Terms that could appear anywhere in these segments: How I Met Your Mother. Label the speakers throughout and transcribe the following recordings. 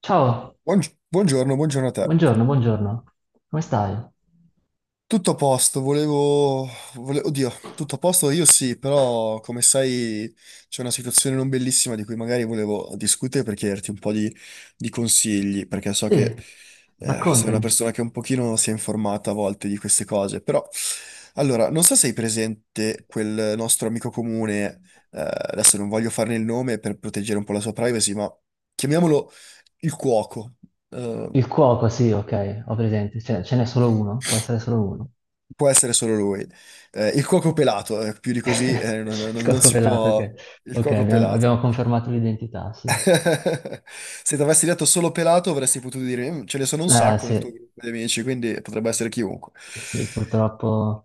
Speaker 1: Ciao,
Speaker 2: Buongiorno, buongiorno a te.
Speaker 1: buongiorno, buongiorno. Come stai?
Speaker 2: Tutto a posto, Oddio, tutto a posto io sì, però come sai c'è una situazione non bellissima di cui magari volevo discutere per chiederti un po' di consigli, perché so che
Speaker 1: Sì,
Speaker 2: sei una
Speaker 1: raccontami.
Speaker 2: persona che un pochino si è informata a volte di queste cose, però... Allora, non so se hai presente quel nostro amico comune. Adesso non voglio farne il nome per proteggere un po' la sua privacy, ma chiamiamolo il cuoco. Eh,
Speaker 1: Il cuoco, sì, ok, ho presente. Cioè, ce n'è solo uno? Può essere solo uno?
Speaker 2: Può essere solo lui. Il cuoco pelato, più di così
Speaker 1: Il
Speaker 2: non
Speaker 1: cuoco
Speaker 2: si
Speaker 1: pelato,
Speaker 2: può...
Speaker 1: ok.
Speaker 2: Il
Speaker 1: Ok,
Speaker 2: cuoco
Speaker 1: abbiamo
Speaker 2: pelato.
Speaker 1: confermato l'identità, sì.
Speaker 2: Se ti avessi detto solo pelato avresti potuto dire, "Mm, ce ne sono un
Speaker 1: Eh,
Speaker 2: sacco nel tuo
Speaker 1: sì,
Speaker 2: gruppo di amici, quindi potrebbe essere chiunque."
Speaker 1: sì, purtroppo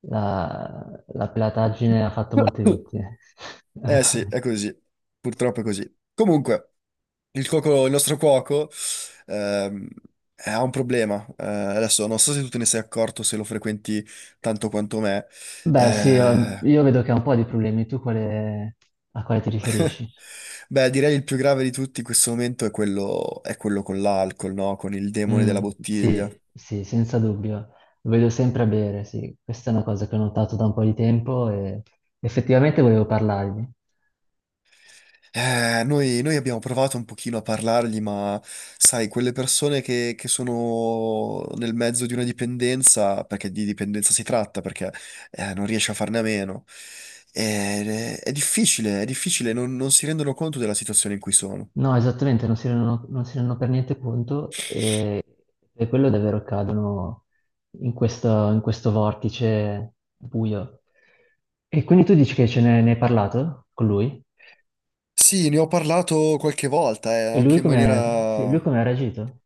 Speaker 1: la pelataggine ha fatto molte vittime.
Speaker 2: Eh sì, è così. Purtroppo è così. Comunque, il nostro cuoco ehm, ha un problema. Adesso non so se tu te ne sei accorto, se lo frequenti tanto quanto me.
Speaker 1: Beh, sì, io,
Speaker 2: Eh,
Speaker 1: io vedo che ha un po' di problemi. Tu quale- a quale ti riferisci?
Speaker 2: Beh, direi il più grave di tutti in questo momento è è quello con l'alcol, no? Con il demone della
Speaker 1: Mm,
Speaker 2: bottiglia.
Speaker 1: sì, sì, senza dubbio. Lo vedo sempre a bere, sì. Questa è una cosa che ho notato da un po' di tempo e effettivamente volevo parlargli.
Speaker 2: Noi abbiamo provato un pochino a parlargli, ma sai, quelle persone che sono nel mezzo di una dipendenza, perché di dipendenza si tratta, perché non riesce a farne a meno. È difficile, non si rendono conto della situazione in cui sono.
Speaker 1: No, esattamente, non si rendono per niente conto e per quello davvero cadono in questo vortice buio. E quindi tu dici che ne hai parlato con lui?
Speaker 2: Sì, ne ho parlato qualche volta,
Speaker 1: E lui
Speaker 2: anche in
Speaker 1: come, sì,
Speaker 2: maniera...
Speaker 1: lui come ha reagito?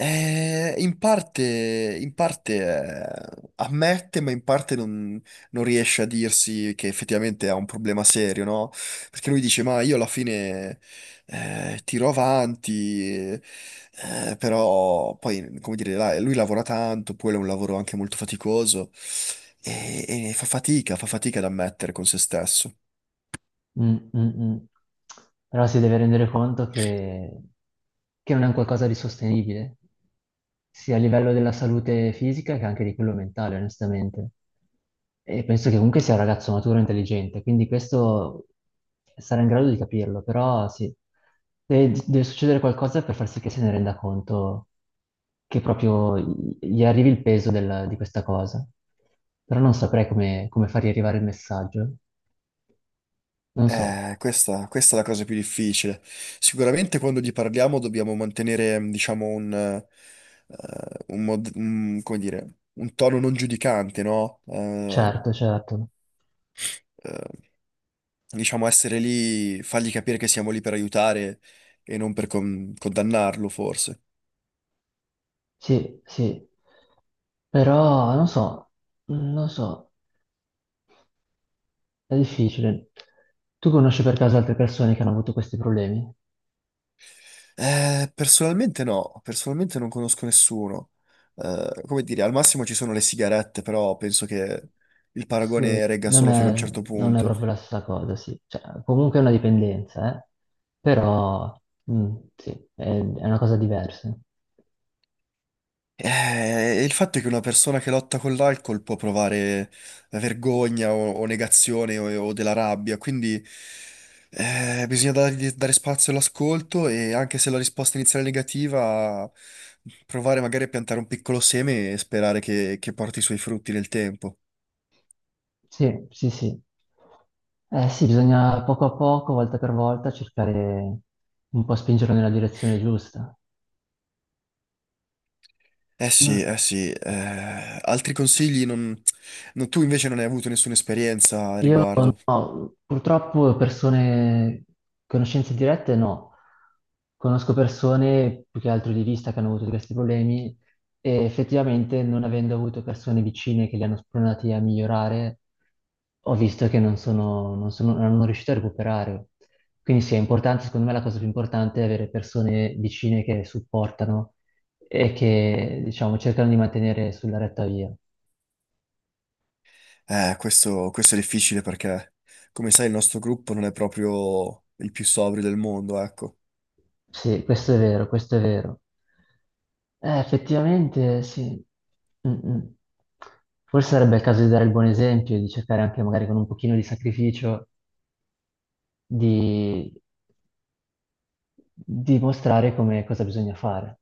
Speaker 2: In parte ammette, ma in parte non riesce a dirsi che effettivamente ha un problema serio, no? Perché lui dice: "Ma io alla fine tiro avanti", però poi, come dire, lui lavora tanto, poi è un lavoro anche molto faticoso e, e fa fatica ad ammettere con se stesso.
Speaker 1: Mm, mm, mm. Però si deve rendere conto che non è un qualcosa di sostenibile, sia a livello della salute fisica che anche di quello mentale, onestamente. E penso che comunque sia un ragazzo maturo e intelligente, quindi questo sarà in grado di capirlo, però sì, deve succedere qualcosa per far sì che se ne renda conto che proprio gli arrivi il peso di questa cosa. Però non saprei come fargli arrivare il messaggio, non so.
Speaker 2: Questa è la cosa più difficile. Sicuramente quando gli parliamo dobbiamo mantenere, mm, diciamo, come dire, un tono non giudicante, no?
Speaker 1: Certo, certo.
Speaker 2: Eh, diciamo, essere lì, fargli capire che siamo lì per aiutare e non per condannarlo, forse.
Speaker 1: Sì, sì. Però non so, non so, è difficile. Tu conosci per caso altre persone che hanno avuto questi problemi?
Speaker 2: Personalmente no, personalmente non conosco nessuno. Come dire, al massimo ci sono le sigarette, però penso che il
Speaker 1: Sì,
Speaker 2: paragone regga solo fino a un certo
Speaker 1: non è
Speaker 2: punto.
Speaker 1: proprio la stessa cosa, sì. Cioè, comunque è una dipendenza, eh. Però, mm, sì, è una cosa diversa.
Speaker 2: Il fatto è che una persona che lotta con l'alcol può provare vergogna o negazione o della rabbia, quindi bisogna dare spazio all'ascolto e anche se la risposta iniziale è negativa, provare magari a piantare un piccolo seme e sperare che porti i suoi frutti nel tempo.
Speaker 1: Sì, sì, sì. Eh sì, bisogna poco a poco, volta per volta, cercare un po' spingerlo nella direzione giusta. No.
Speaker 2: Sì, eh sì, altri consigli non... Tu invece non hai avuto nessuna esperienza a
Speaker 1: Io
Speaker 2: riguardo.
Speaker 1: no, purtroppo persone, conoscenze dirette no. Conosco persone più che altro di vista che hanno avuto questi problemi e effettivamente non avendo avuto persone vicine che li hanno spronati a migliorare, ho visto che non hanno riuscito a recuperare. Quindi sì, è importante, secondo me la cosa più importante è avere persone vicine che supportano e che, diciamo, cercano di mantenere sulla retta via.
Speaker 2: Questo è difficile perché, come sai, il nostro gruppo non è proprio il più sobrio del mondo, ecco.
Speaker 1: Sì, questo è vero, questo è vero. Effettivamente sì. Mm, mm. Forse sarebbe il caso di dare il buon esempio, e di cercare anche magari con un pochino di sacrificio di, di mostrare come cosa bisogna fare.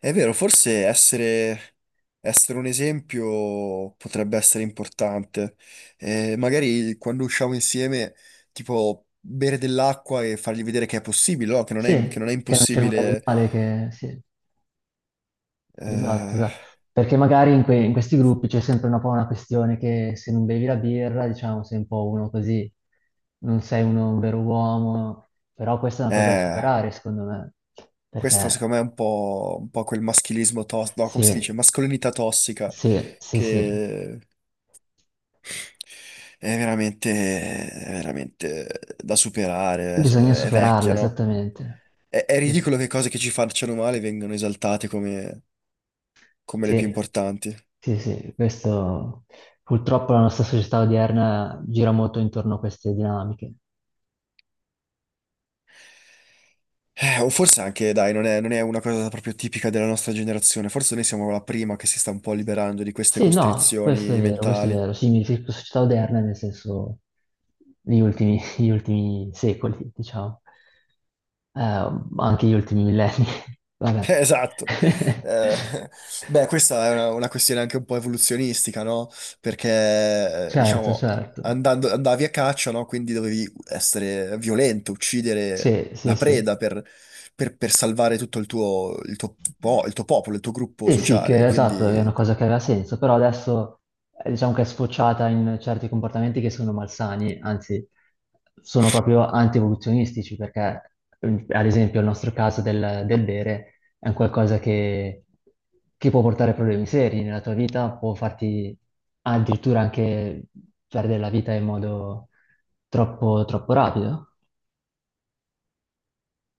Speaker 2: È vero, essere un esempio potrebbe essere importante. Magari quando usciamo insieme, tipo, bere dell'acqua e fargli vedere che è possibile, no? Che non è
Speaker 1: Sì, che non c'è nulla di
Speaker 2: impossibile.
Speaker 1: male, che sì. Esatto,
Speaker 2: Eh,
Speaker 1: esatto. Perché magari in questi gruppi c'è sempre un po' una questione che se non bevi la birra, diciamo, sei un po' uno così, non sei uno, un vero uomo, però questa è una cosa da
Speaker 2: eh,
Speaker 1: superare, secondo me,
Speaker 2: Questo
Speaker 1: perché
Speaker 2: secondo me è un po' quel maschilismo tossico, no, come si
Speaker 1: sì,
Speaker 2: dice? Mascolinità tossica
Speaker 1: sì, sì, sì,
Speaker 2: che... è veramente da superare,
Speaker 1: bisogna
Speaker 2: è
Speaker 1: superarla,
Speaker 2: vecchia, no?
Speaker 1: esattamente.
Speaker 2: È
Speaker 1: Sì,
Speaker 2: ridicolo
Speaker 1: sì,
Speaker 2: che cose che ci facciano male vengano esaltate come, come le più
Speaker 1: sì,
Speaker 2: importanti.
Speaker 1: sì, sì, questo purtroppo la nostra società odierna gira molto intorno a queste dinamiche.
Speaker 2: O forse anche, dai, non è una cosa proprio tipica della nostra generazione, forse noi siamo la prima che si sta un po' liberando di queste
Speaker 1: Sì, no, questo è
Speaker 2: costrizioni
Speaker 1: vero, questo è
Speaker 2: mentali.
Speaker 1: vero. Sì, mi riferisco a società oderne nel senso negli ultimi, gli ultimi secoli, diciamo, eh, anche gli ultimi millenni. Vabbè.
Speaker 2: Esatto. Eh, beh, questa è una questione anche un po' evoluzionistica, no? Perché,
Speaker 1: Certo,
Speaker 2: diciamo,
Speaker 1: certo.
Speaker 2: andavi a caccia, no? Quindi dovevi essere violento, uccidere
Speaker 1: Sì, sì,
Speaker 2: la
Speaker 1: sì.
Speaker 2: preda per, per salvare tutto il tuo, il tuo il tuo popolo, il tuo gruppo
Speaker 1: Sì, sì,
Speaker 2: sociale.
Speaker 1: che esatto, è una
Speaker 2: Quindi,
Speaker 1: cosa che aveva senso, però adesso diciamo che è sfociata in certi comportamenti che sono malsani, anzi sono proprio anti-evoluzionistici, perché ad esempio il nostro caso del bere è un qualcosa che può portare problemi seri nella tua vita, può farti addirittura anche perdere la vita in modo troppo, troppo rapido.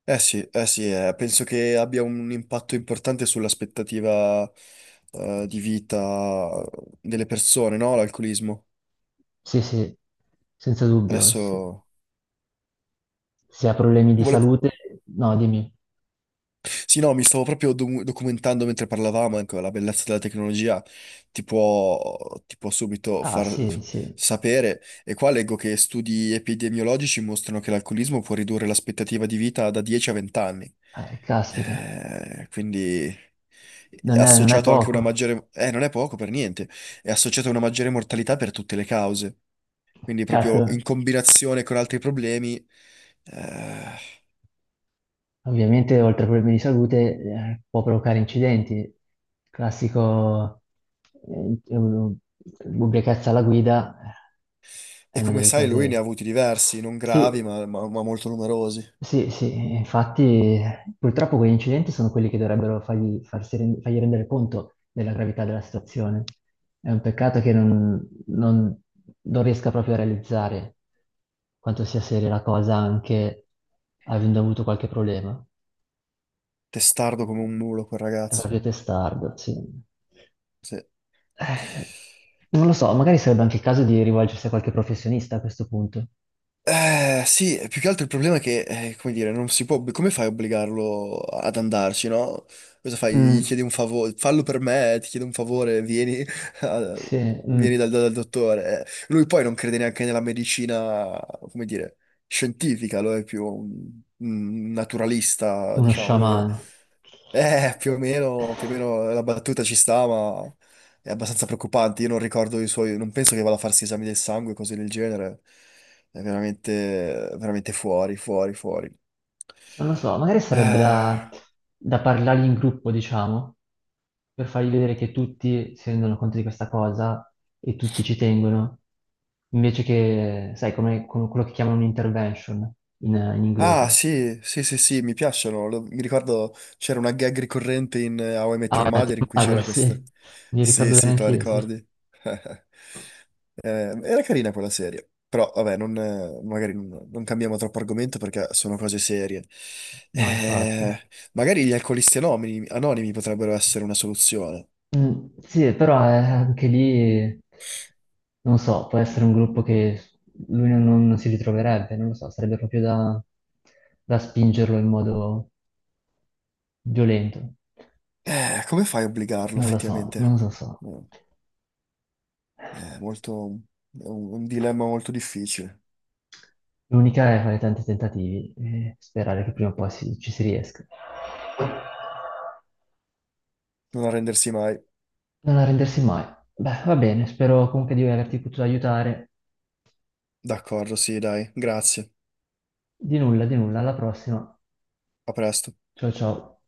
Speaker 2: sì, eh sì, penso che abbia un impatto importante sull'aspettativa, di vita delle persone, no? L'alcolismo.
Speaker 1: Sì, sì, senza dubbio,
Speaker 2: Adesso
Speaker 1: sì. Se ha problemi di
Speaker 2: volevo...
Speaker 1: salute, no, dimmi.
Speaker 2: Sì, no, mi stavo proprio documentando mentre parlavamo, ecco, la bellezza della tecnologia ti può subito
Speaker 1: Ah,
Speaker 2: far
Speaker 1: sì, sì.
Speaker 2: sapere. E qua leggo che studi epidemiologici mostrano che l'alcolismo può ridurre l'aspettativa di vita da 10 a 20 anni.
Speaker 1: Caspita,
Speaker 2: Quindi è
Speaker 1: non è
Speaker 2: associato anche a una
Speaker 1: poco.
Speaker 2: maggiore... non è poco per niente, è associato a una maggiore mortalità per tutte le cause. Quindi proprio
Speaker 1: Certo,
Speaker 2: in combinazione con altri problemi... eh,
Speaker 1: ovviamente oltre a problemi di salute può provocare incidenti. Classico eh, u- ubriachezza alla guida, è
Speaker 2: E
Speaker 1: una
Speaker 2: come
Speaker 1: delle
Speaker 2: sai, lui ne ha
Speaker 1: case...
Speaker 2: avuti diversi, non gravi,
Speaker 1: Sì,
Speaker 2: ma molto numerosi.
Speaker 1: sì, sì, infatti purtroppo quegli incidenti sono quelli che dovrebbero fargli rendere conto della gravità della situazione. È un peccato che non riesca proprio a realizzare quanto sia seria la cosa anche avendo avuto qualche problema.
Speaker 2: Testardo come un mulo, quel
Speaker 1: È
Speaker 2: ragazzo.
Speaker 1: proprio testardo, sì.
Speaker 2: Sì.
Speaker 1: Eh, non lo so, magari sarebbe anche il caso di rivolgersi a qualche professionista a questo punto.
Speaker 2: Sì, più che altro il problema è che, come dire, non si può... Come fai a obbligarlo ad andarci, no? Cosa fai? Gli
Speaker 1: Mm,
Speaker 2: chiedi un favore, fallo per me, ti chiedo un favore, vieni, a-
Speaker 1: sì,
Speaker 2: vieni
Speaker 1: mm,
Speaker 2: dal dottore. Lui poi non crede neanche nella medicina, come dire, scientifica, lo è più un naturalista,
Speaker 1: uno
Speaker 2: diciamo, lui è...
Speaker 1: sciamano.
Speaker 2: Più o meno la battuta ci sta, ma è abbastanza preoccupante. Io non ricordo i suoi, non penso che vada a farsi esami del sangue, cose del genere. È veramente, veramente fuori, fuori, fuori.
Speaker 1: Non lo so, magari sarebbe
Speaker 2: Eh,
Speaker 1: da parlargli in gruppo, diciamo, per fargli vedere che tutti si rendono conto di questa cosa e tutti ci tengono, invece che, sai, come, come quello che chiamano un intervention in
Speaker 2: Ah,
Speaker 1: inglese.
Speaker 2: sì, sì, sì, sì, mi piacciono. Mi ricordo c'era una gag ricorrente in How I Met
Speaker 1: Ah,
Speaker 2: Your
Speaker 1: la team
Speaker 2: Mother in cui
Speaker 1: mother,
Speaker 2: c'era questo.
Speaker 1: sì, mi
Speaker 2: Sì,
Speaker 1: ricordo bene
Speaker 2: sì, te la
Speaker 1: anch'io, sì.
Speaker 2: ricordi. Eh, era carina quella serie, però vabbè, non, magari non cambiamo troppo argomento perché sono cose serie.
Speaker 1: No, infatti.
Speaker 2: Magari gli alcolisti anonimi, anonimi potrebbero essere una soluzione.
Speaker 1: Mm, sì, però anche lì, non so, può essere un gruppo che lui non, non si ritroverebbe, non lo so, sarebbe proprio da spingerlo in modo violento.
Speaker 2: Come fai a obbligarlo
Speaker 1: Non lo so,
Speaker 2: effettivamente?
Speaker 1: non lo so.
Speaker 2: No, è molto, è un dilemma molto difficile,
Speaker 1: L'unica è fare tanti tentativi e sperare che prima o poi si- ci si riesca.
Speaker 2: non arrendersi mai.
Speaker 1: Non arrendersi mai. Beh, va bene, spero comunque di averti potuto aiutare.
Speaker 2: D'accordo, sì, dai, grazie.
Speaker 1: Di nulla, alla prossima.
Speaker 2: A presto.
Speaker 1: Ciao ciao.